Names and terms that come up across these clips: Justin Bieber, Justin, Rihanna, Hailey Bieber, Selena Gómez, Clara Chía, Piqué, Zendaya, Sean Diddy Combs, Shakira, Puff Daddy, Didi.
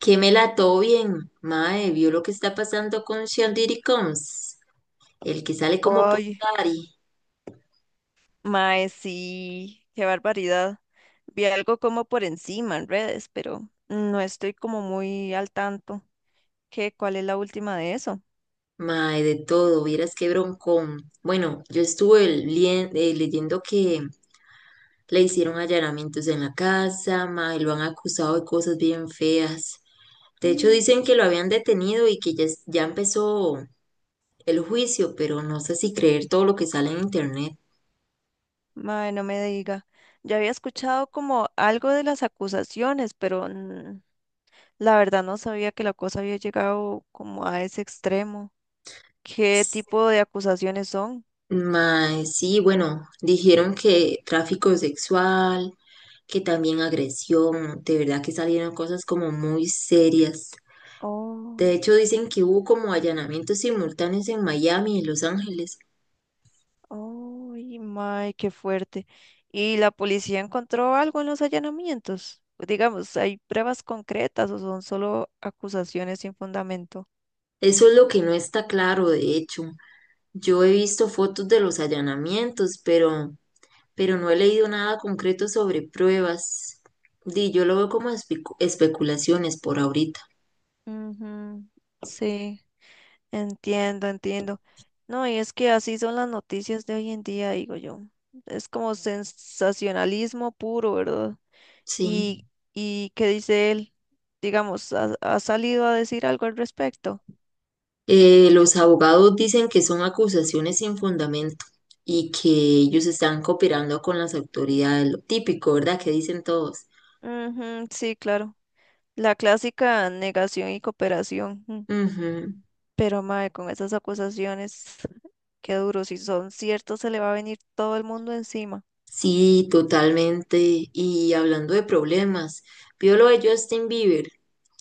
Que me la ató bien, mae, vio lo que está pasando con Sean Diddy Combs, el que sale como Puff Ay, Daddy, mae, sí, qué barbaridad. Vi algo como por encima en redes, pero no estoy como muy al tanto. ¿Qué? ¿Cuál es la última de eso? mae, de todo, vieras qué broncón. Bueno, yo estuve leyendo que le hicieron allanamientos en la casa, mae, lo han acusado de cosas bien feas. De hecho, Mm, dicen que lo habían detenido y que ya, ya empezó el juicio, pero no sé si creer todo lo que sale en internet. mae, no me diga. Ya había escuchado como algo de las acusaciones, pero la verdad no sabía que la cosa había llegado como a ese extremo. ¿Qué tipo de acusaciones son? Mae, sí, bueno, dijeron que tráfico sexual, que también agresión, de verdad que salieron cosas como muy serias. De Oh. hecho, dicen que hubo como allanamientos simultáneos en Miami y Los Ángeles. Ay, may, qué fuerte. ¿Y la policía encontró algo en los allanamientos? Digamos, ¿hay pruebas concretas o son solo acusaciones sin fundamento? Eso es lo que no está claro, de hecho. Yo he visto fotos de los allanamientos, pero no he leído nada concreto sobre pruebas. Di, yo lo veo como especulaciones por ahorita. Ujú, sí, entiendo, No, y es que así son las noticias de hoy en día, digo yo. Es como sensacionalismo puro, ¿verdad? Sí. ¿Y, qué dice él? Digamos, ¿ha, salido a decir algo al respecto? Los abogados dicen que son acusaciones sin fundamento y que ellos están cooperando con las autoridades, lo típico, ¿verdad? Que dicen todos. Ujú, sí, claro. La clásica negación y cooperación. Ujú. Pero, mae, con esas acusaciones, qué duro. Si son ciertos, se le va a venir todo el mundo encima. Sí, totalmente. Y hablando de problemas, vio lo de Justin Bieber,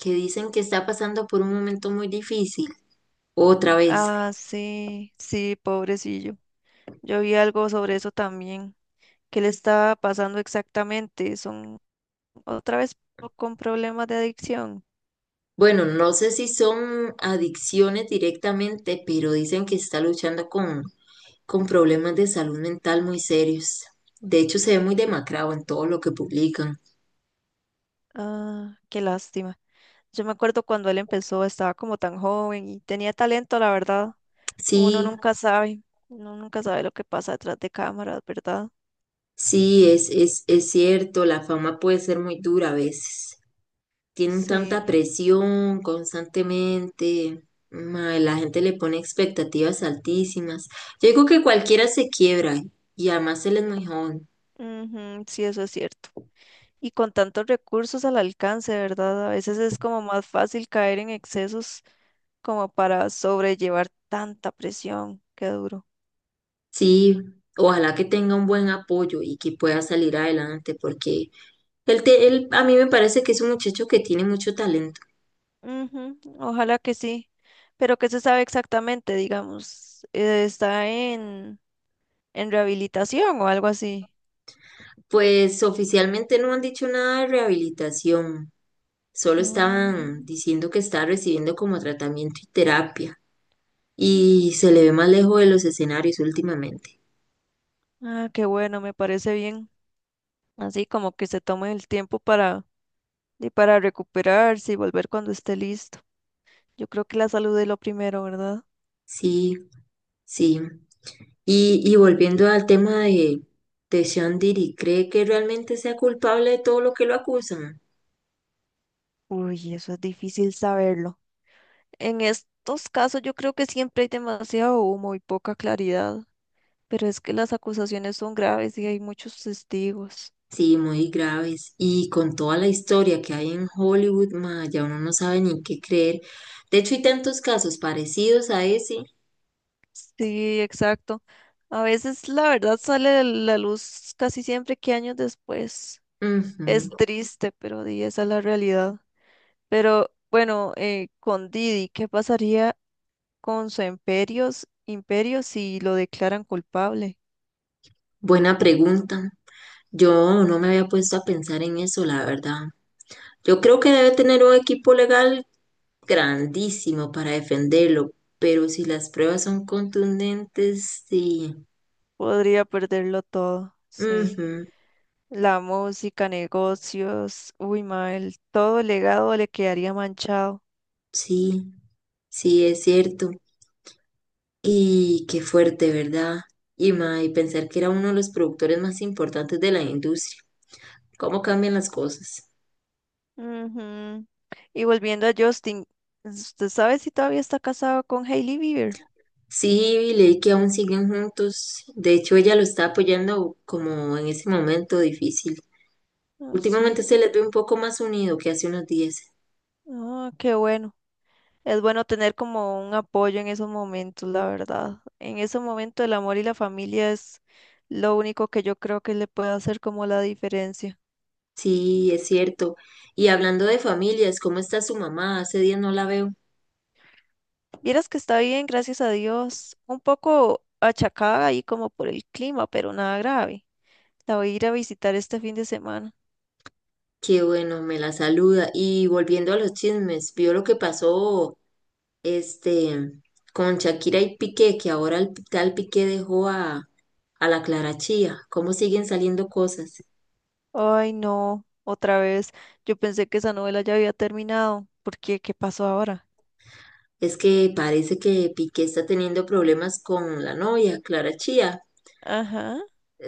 que dicen que está pasando por un momento muy difícil, otra vez. Ah, sí, sí, pobrecillo. Yo vi algo sobre eso también. ¿Qué le estaba pasando exactamente? Son otra vez con problemas de adicción. Bueno, no sé si son adicciones directamente, pero dicen que está luchando con problemas de salud mental muy serios. De hecho, se ve muy demacrado en todo lo que publican. Ah, qué lástima. Yo me acuerdo cuando él empezó, estaba como tan joven y tenía talento, la verdad. Uno Sí, nunca sabe, uno nunca sabe lo que pasa detrás de cámaras, ¿verdad? sí, es cierto, la fama puede ser muy dura a veces. Tienen tanta Sí, presión constantemente. Mae, la gente le pone expectativas altísimas. Yo digo que cualquiera se quiebra y además él es muy joven. ujú, sí, eso es cierto. Y con tantos recursos al alcance, ¿verdad? A veces es como más fácil caer en excesos como para sobrellevar tanta presión. Qué duro. Sí, ojalá que tenga un buen apoyo y que pueda salir adelante porque él a mí me parece que es un muchacho que tiene mucho talento. Ujú, ojalá que sí. Pero ¿qué se sabe exactamente, digamos? ¿Está en, rehabilitación o algo así? Pues oficialmente no han dicho nada de rehabilitación, solo Ah, estaban diciendo que está recibiendo como tratamiento y terapia y se le ve más lejos de los escenarios últimamente. Qué bueno, me parece bien. Así como que se tome el tiempo para, para recuperarse y volver cuando esté listo. Yo creo que la salud es lo primero, ¿verdad? Sí, sí. Y volviendo al tema de Sean Diddy, ¿cree que realmente sea culpable de todo lo que lo acusan? Uy, eso es difícil saberlo. En estos casos yo creo que siempre hay demasiado humo y poca claridad, pero es que las acusaciones son graves y hay muchos testigos. Sí, muy graves. Y con toda la historia que hay en Hollywood, ma, ya uno no sabe ni qué creer. De hecho, hay tantos casos parecidos a ese. Sí, exacto. A veces la verdad sale a la luz casi siempre que años después. Es Ujú. triste, pero di, esa es la realidad. Pero bueno, con Didi, ¿qué pasaría con su imperio si lo declaran culpable? Buena pregunta. Yo no me había puesto a pensar en eso, la verdad. Yo creo que debe tener un equipo legal grandísimo para defenderlo, pero si las pruebas son contundentes, sí. Podría perderlo todo, sí. Ujú, La música, negocios, uy, mal, todo legado le quedaría manchado. sí, sí, es cierto. Y qué fuerte, ¿verdad? Y, ma, y pensar que era uno de los productores más importantes de la industria. ¿Cómo cambian las cosas? Ujú. Y volviendo a Justin, ¿usted sabe si todavía está casado con Hailey Bieber? Sí, leí que aún siguen juntos. De hecho, ella lo está apoyando como en ese momento difícil. Ah, sí. Últimamente se les ve un poco más unido que hace unos días. Ah, qué bueno. Es bueno tener como un apoyo en esos momentos, la verdad. En ese momento el amor y la familia es lo único que yo creo que le puede hacer como la diferencia. Sí, es cierto. Y hablando de familias, ¿cómo está su mamá? Hace días no la veo. Vieras que está bien, gracias a Dios. Un poco achacada ahí como por el clima, pero nada grave. La voy a ir a visitar este fin de semana. Qué bueno, me la saluda. Y volviendo a los chismes, vio lo que pasó este con Shakira y Piqué, que ahora el tal Piqué dejó a la Clara Chía. ¿Cómo siguen saliendo cosas? Ay, no, otra vez. Yo pensé que esa novela ya había terminado. ¿Por qué? ¿Qué pasó ahora? Es que parece que Piqué está teniendo problemas con la novia, Clara Chía. Ajá.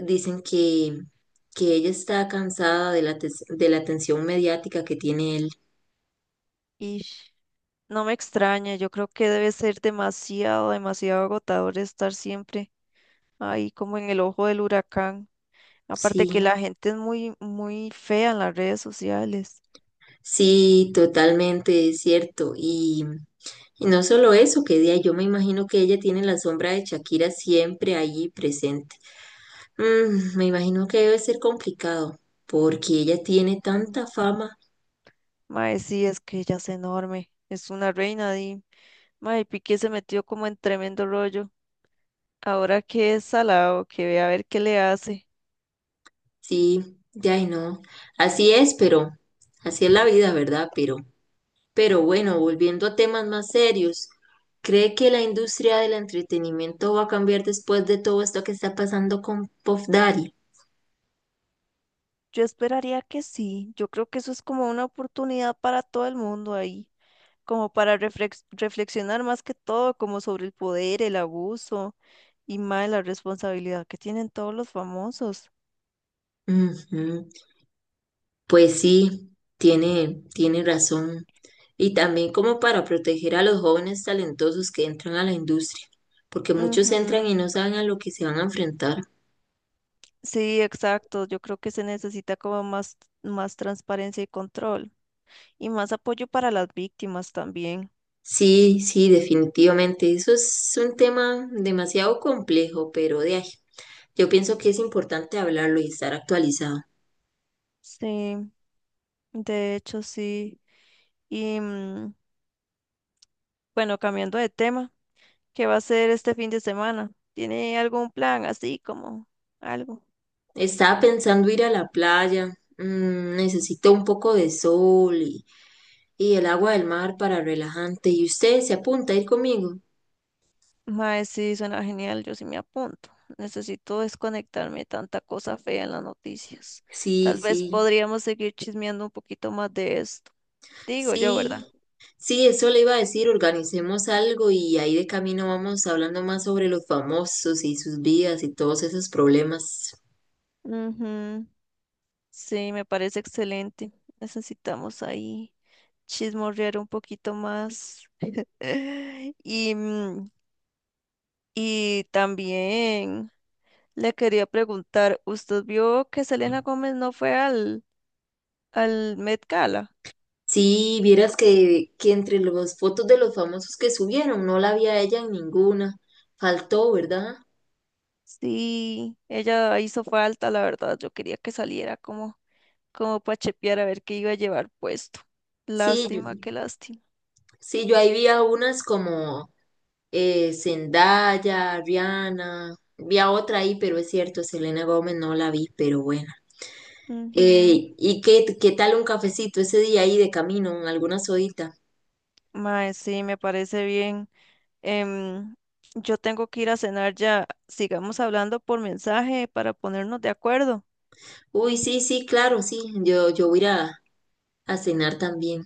Dicen que ella está cansada de de la atención mediática que tiene él. Y no me extraña, yo creo que debe ser demasiado, demasiado agotador estar siempre ahí como en el ojo del huracán. Aparte que Sí, la gente es muy, muy fea en las redes sociales. sí, totalmente es cierto. Y no solo eso, que día yo me imagino que ella tiene la sombra de Shakira siempre allí presente. Me imagino que debe ser complicado, porque ella tiene Mm. tanta fama. Mae, sí, es que ella es enorme, es una reina y mae, Piqué se metió como en tremendo rollo. Ahora que es salado, que ve a ver qué le hace. Sí, ya y no. Así es, pero así es la vida, ¿verdad? Pero bueno, volviendo a temas más serios, ¿cree que la industria del entretenimiento va a cambiar después de todo esto que está pasando con Puff Daddy? Yo esperaría que sí. Yo creo que eso es como una oportunidad para todo el mundo ahí, como para reflexionar más que todo, como sobre el poder, el abuso y más la responsabilidad que tienen todos los famosos. Ujú. Pues sí, tiene razón. Y también como para proteger a los jóvenes talentosos que entran a la industria, porque muchos entran Ujú. y no saben a lo que se van a enfrentar. Sí, exacto. Yo creo que se necesita como más, más transparencia y control y más apoyo para las víctimas también. Sí, sí, definitivamente. Eso es un tema demasiado complejo, pero de ahí. Yo pienso que es importante hablarlo y estar actualizado. Sí, de hecho sí. Y bueno, cambiando de tema. ¿Qué va a hacer este fin de semana? ¿Tiene algún plan así como algo? Estaba pensando ir a la playa. Necesito un poco de sol y el agua del mar para relajante. ¿Y usted se apunta a ir conmigo? Mae, sí, suena genial, yo sí me apunto. Necesito desconectarme de tanta cosa fea en las noticias. Sí, Tal vez sí, podríamos seguir chismeando un poquito más de esto. Digo yo, ¿verdad? sí. Sí, eso le iba a decir, organicemos algo y ahí de camino vamos hablando más sobre los famosos y sus vidas y todos esos problemas. Ujú, sí, me parece excelente. Necesitamos ahí chismorrear un poquito más. Y, y también le quería preguntar, ¿usted vio que Selena Gómez no fue al, Met Gala? Sí, vieras que entre las fotos de los famosos que subieron, no la vi a ella en ninguna. Faltó, ¿verdad? Sí, ella hizo falta, la verdad. Yo quería que saliera como, como para chepear a ver qué iba a llevar puesto. Sí, Lástima, yo- qué lástima. sí, yo ahí vi a unas como Zendaya, Rihanna, vi a otra ahí, pero es cierto, Selena Gómez no la vi, pero bueno. Ujú. ¿Y qué, qué tal un cafecito ese día ahí de camino, alguna sodita? Mae, sí, me parece bien. Em, yo tengo que ir a cenar ya. Sigamos hablando por mensaje para ponernos de acuerdo. Uy, sí, sí, claro, sí, yo voy a ir a cenar también.